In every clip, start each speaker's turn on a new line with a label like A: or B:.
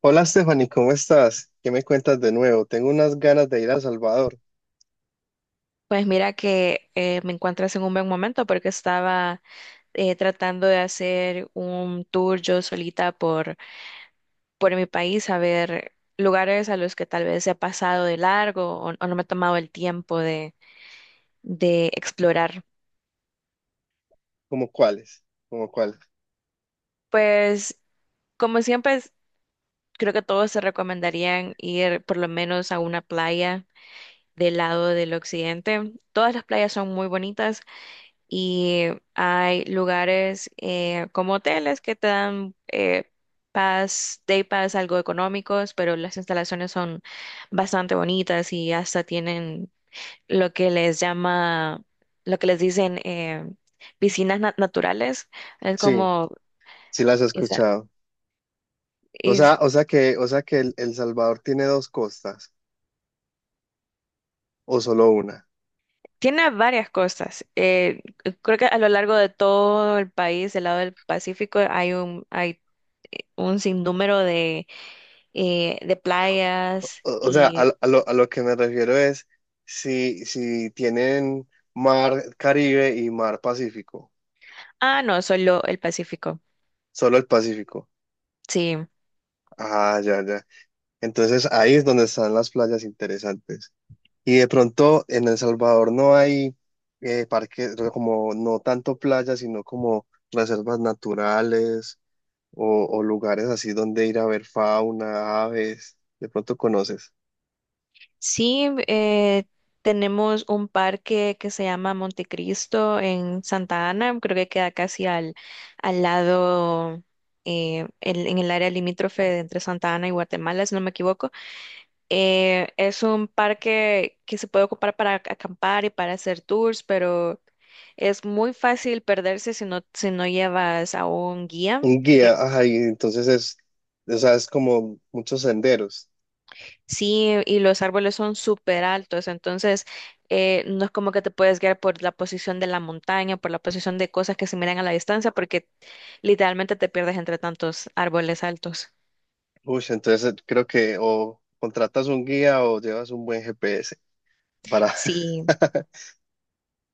A: Hola Stephanie, ¿cómo estás? ¿Qué me cuentas de nuevo? Tengo unas ganas de ir a Salvador.
B: Pues mira que me encuentras en un buen momento porque estaba tratando de hacer un tour yo solita por mi país, a ver lugares a los que tal vez he pasado de largo o no me he tomado el tiempo de explorar.
A: ¿Cómo cuáles? ¿Cómo cuáles?
B: Pues como siempre, creo que todos se recomendarían ir por lo menos a una playa del lado del occidente. Todas las playas son muy bonitas y hay lugares como hoteles que te dan pass, day pass algo económicos, pero las instalaciones son bastante bonitas y hasta tienen lo que les llama, lo que les dicen piscinas naturales. Es
A: Sí,
B: como,
A: sí las he
B: esa-
A: escuchado.
B: es-
A: O sea que el, El Salvador tiene dos costas o solo una.
B: Tiene varias cosas. Creo que a lo largo de todo el país, del lado del Pacífico, hay un sinnúmero de playas
A: O sea, a,
B: y...
A: lo, a lo que me refiero es si, si tienen mar Caribe y mar Pacífico,
B: Ah, no, solo el Pacífico.
A: solo el Pacífico.
B: Sí,
A: Ah, ya, ya. Entonces ahí es donde están las playas interesantes. Y de pronto en El Salvador no hay parques, como no tanto playas, sino como reservas naturales o lugares así donde ir a ver fauna, aves. De pronto conoces.
B: sí, tenemos un parque que se llama Montecristo en Santa Ana, creo que queda casi al, al lado, en el área limítrofe de entre Santa Ana y Guatemala, si no me equivoco. Es un parque que se puede ocupar para acampar y para hacer tours, pero... Es muy fácil perderse si no, si no llevas a un guía.
A: Un guía, ajá, y entonces es, o sea, es como muchos senderos.
B: Sí, y los árboles son súper altos, entonces no es como que te puedes guiar por la posición de la montaña, por la posición de cosas que se miran a la distancia, porque literalmente te pierdes entre tantos árboles altos.
A: Uy, entonces creo que o contratas un guía o llevas un buen GPS para…
B: Sí,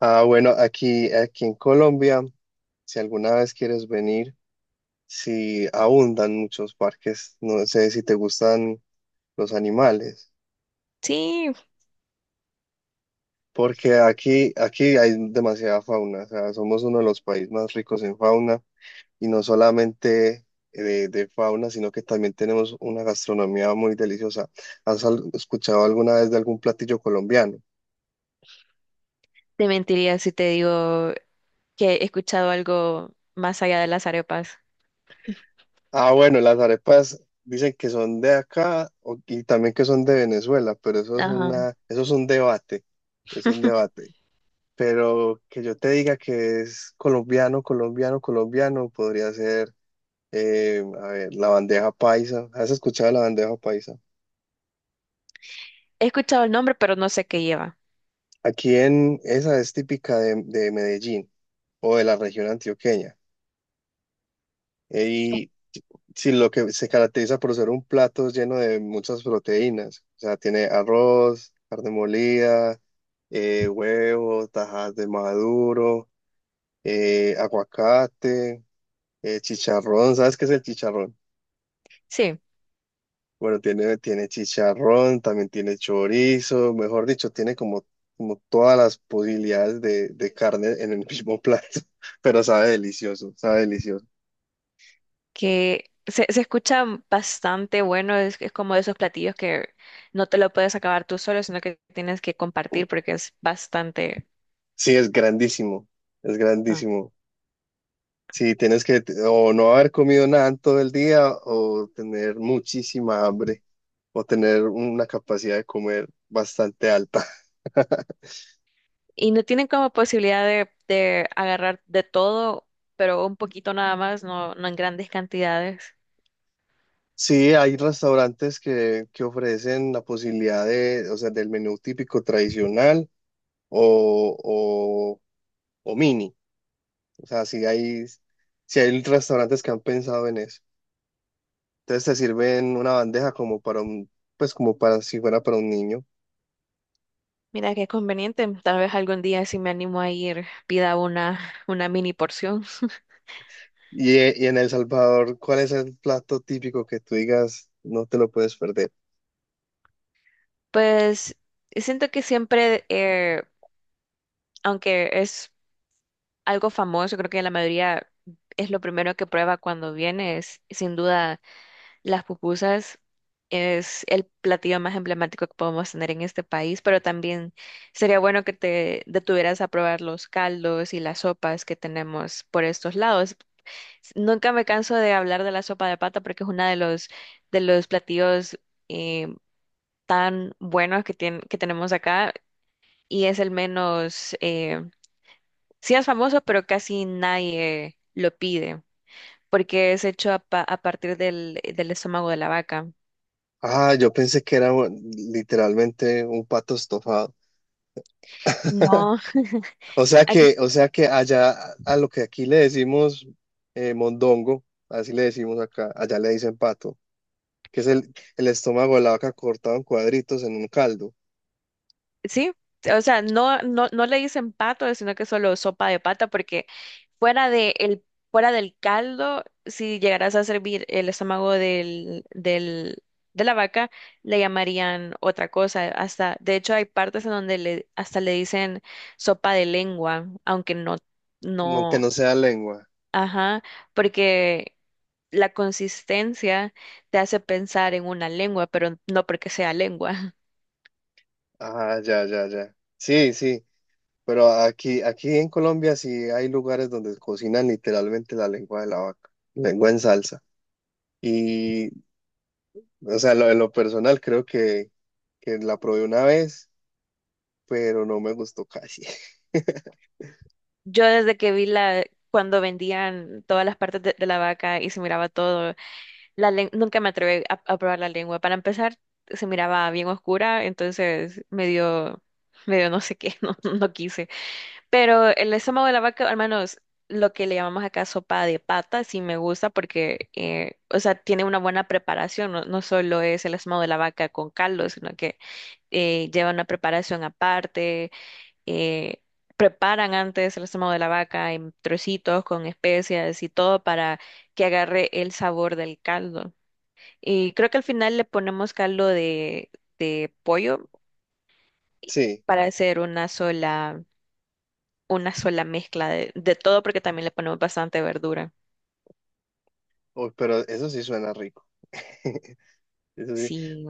A: Ah, bueno, aquí, aquí en Colombia, si alguna vez quieres venir, si abundan muchos parques, no sé si te gustan los animales,
B: sí,
A: porque aquí, aquí hay demasiada fauna, o sea, somos uno de los países más ricos en fauna y no solamente de fauna, sino que también tenemos una gastronomía muy deliciosa. ¿Has escuchado alguna vez de algún platillo colombiano?
B: te mentiría si te digo que he escuchado algo más allá de las arepas.
A: Ah, bueno, las arepas dicen que son de acá y también que son de Venezuela, pero eso es
B: Ajá.
A: una, eso es un debate, es un debate. Pero que yo te diga que es colombiano, colombiano, colombiano, podría ser, a ver, la bandeja paisa. ¿Has escuchado la bandeja paisa?
B: He escuchado el nombre, pero no sé qué lleva.
A: Aquí en esa es típica de Medellín o de la región antioqueña. Y sí, lo que se caracteriza por ser un plato lleno de muchas proteínas. O sea, tiene arroz, carne molida, huevo, tajas de maduro, aguacate, chicharrón. ¿Sabes qué es el chicharrón?
B: Sí.
A: Bueno, tiene, tiene chicharrón, también tiene chorizo, mejor dicho, tiene como, como todas las posibilidades de carne en el mismo plato, pero sabe delicioso, sabe delicioso.
B: Que se escucha bastante bueno, es como de esos platillos que no te lo puedes acabar tú solo, sino que tienes que compartir porque es bastante...
A: Sí, es grandísimo, es
B: ah.
A: grandísimo. Sí, tienes que o no haber comido nada en todo el día o tener muchísima hambre o tener una capacidad de comer bastante alta.
B: Y no tienen como posibilidad de agarrar de todo, pero un poquito nada más, no, no en grandes cantidades.
A: Sí, hay restaurantes que ofrecen la posibilidad de, o sea, del menú típico tradicional, o, o, o mini. O sea, si hay, si hay restaurantes que han pensado en eso. Entonces te sirven una bandeja como para un, pues como para si fuera para un niño.
B: Mira qué conveniente, tal vez algún día si me animo a ir, pida una mini porción.
A: Y en El Salvador, ¿cuál es el plato típico que tú digas no te lo puedes perder?
B: Pues siento que siempre, aunque es algo famoso, creo que la mayoría es lo primero que prueba cuando viene, es sin duda las pupusas. Es el platillo más emblemático que podemos tener en este país, pero también sería bueno que te detuvieras a probar los caldos y las sopas que tenemos por estos lados. Nunca me canso de hablar de la sopa de pata porque es uno de los platillos eh, tan buenos que, que tenemos acá y es el menos, sí es famoso, pero casi nadie lo pide, porque es hecho a, a partir del, del estómago de la vaca.
A: Ah, yo pensé que era literalmente un pato estofado.
B: No, aquí
A: O sea que allá a lo que aquí le decimos mondongo, así le decimos acá, allá le dicen pato, que es el estómago de la vaca cortado en cuadritos en un caldo,
B: sí, o sea, no, no, no le dicen pato, sino que solo sopa de pata, porque fuera de el, fuera del caldo, si llegaras a servir el estómago del, del, de la vaca, le llamarían otra cosa. Hasta, de hecho, hay partes en donde le, hasta le dicen sopa de lengua, aunque no.
A: no, que
B: No.
A: no sea lengua.
B: Ajá, porque la consistencia te hace pensar en una lengua, pero no porque sea lengua.
A: Ah, ya, ya, ya. Sí, sí, pero aquí, aquí en Colombia sí hay lugares donde cocinan literalmente la lengua de la vaca, lengua en salsa. Y, o sea, lo, en lo personal creo que la probé una vez, pero no me gustó casi.
B: Yo desde que vi la, cuando vendían todas las partes de la vaca y se miraba todo, nunca me atreví a probar la lengua. Para empezar, se miraba bien oscura, entonces medio, medio no sé qué, no, no quise. Pero el estómago de la vaca, al menos lo que le llamamos acá sopa de pata, sí me gusta porque, o sea, tiene una buena preparación. No, no solo es el estómago de la vaca con caldo, sino que lleva una preparación aparte. eh, Preparan antes el estómago de la vaca en trocitos con especias y todo para que agarre el sabor del caldo. Y creo que al final le ponemos caldo de pollo
A: Sí,
B: para hacer una sola, una sola mezcla de todo porque también le ponemos bastante verdura.
A: oh, pero eso sí suena rico. Eso sí,
B: Sí.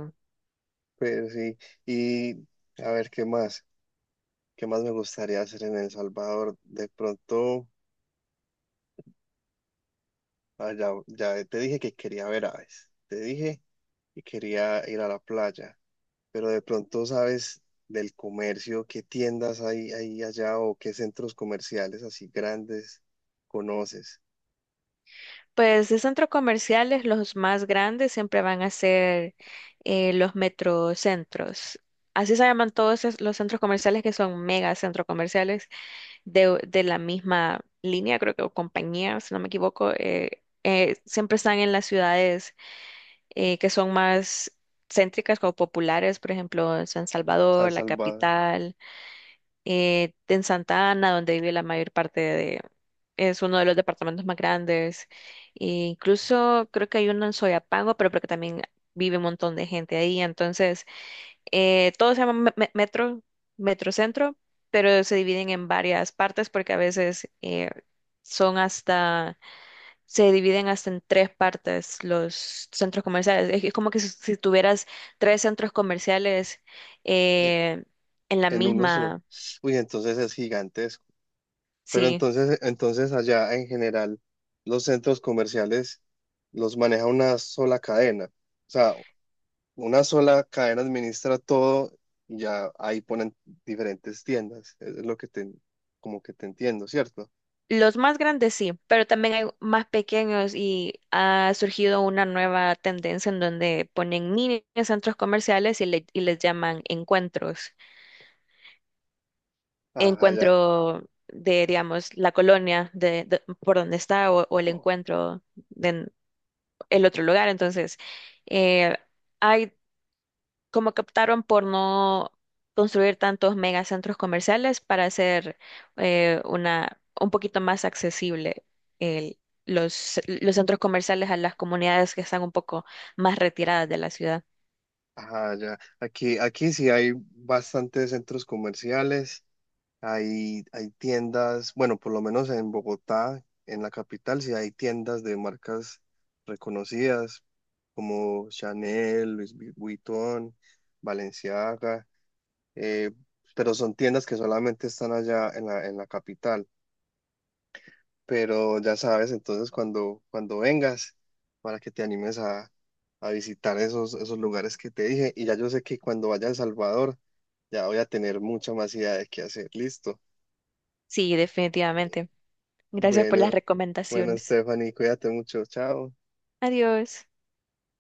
A: pero sí. Y a ver, ¿qué más? ¿Qué más me gustaría hacer en El Salvador? De pronto, ah, ya, ya te dije que quería ver aves, te dije que quería ir a la playa, pero de pronto sabes del comercio, qué tiendas hay ahí allá o qué centros comerciales así grandes conoces.
B: Pues de centros comerciales, los más grandes siempre van a ser los metrocentros. Así se llaman todos los centros comerciales que son mega centros comerciales de la misma línea, creo que o compañía, si no me equivoco. Siempre están en las ciudades que son más céntricas o populares, por ejemplo, San
A: San
B: Salvador, la
A: Salvador,
B: capital. En Santa Ana, donde vive la mayor parte de... Es uno de los departamentos más grandes. E incluso creo que hay uno en Soyapango, pero porque también vive un montón de gente ahí. Entonces, todo se llama metro, metrocentro, pero se dividen en varias partes porque a veces son hasta... Se dividen hasta en tres partes los centros comerciales. Es como que si, si tuvieras tres centros comerciales
A: en,
B: eh, en la
A: en uno solo.
B: misma...
A: Uy, entonces es gigantesco. Pero
B: Sí.
A: entonces, entonces allá en general, los centros comerciales los maneja una sola cadena. O sea, una sola cadena administra todo y ya ahí ponen diferentes tiendas. Es lo que te, como que te entiendo, ¿cierto?
B: Los más grandes sí, pero también hay más pequeños y ha surgido una nueva tendencia en donde ponen mini centros comerciales y, y les llaman encuentros.
A: Ajá, ya.
B: Encuentro de, digamos, la colonia de, por donde está o el encuentro de el otro lugar. Entonces, eh, hay como que optaron por no construir tantos megacentros comerciales para hacer una un poquito más accesible el- los centros comerciales a las comunidades que están un poco más retiradas de la ciudad.
A: Ajá, ya. Aquí, aquí sí hay bastantes centros comerciales, hay tiendas, bueno, por lo menos en Bogotá, en la capital, sí hay tiendas de marcas reconocidas como Chanel, Vuitton, Balenciaga, eh, pero son tiendas que solamente están allá en la capital. Pero ya sabes, entonces cuando, cuando vengas, para que te animes a visitar esos, esos lugares que te dije, y ya yo sé que cuando vaya a El Salvador, ya voy a tener mucha más idea de qué hacer, listo.
B: Sí, definitivamente. Gracias por las
A: Bueno, bueno,
B: recomendaciones.
A: Stephanie, cuídate mucho, chao.
B: Adiós.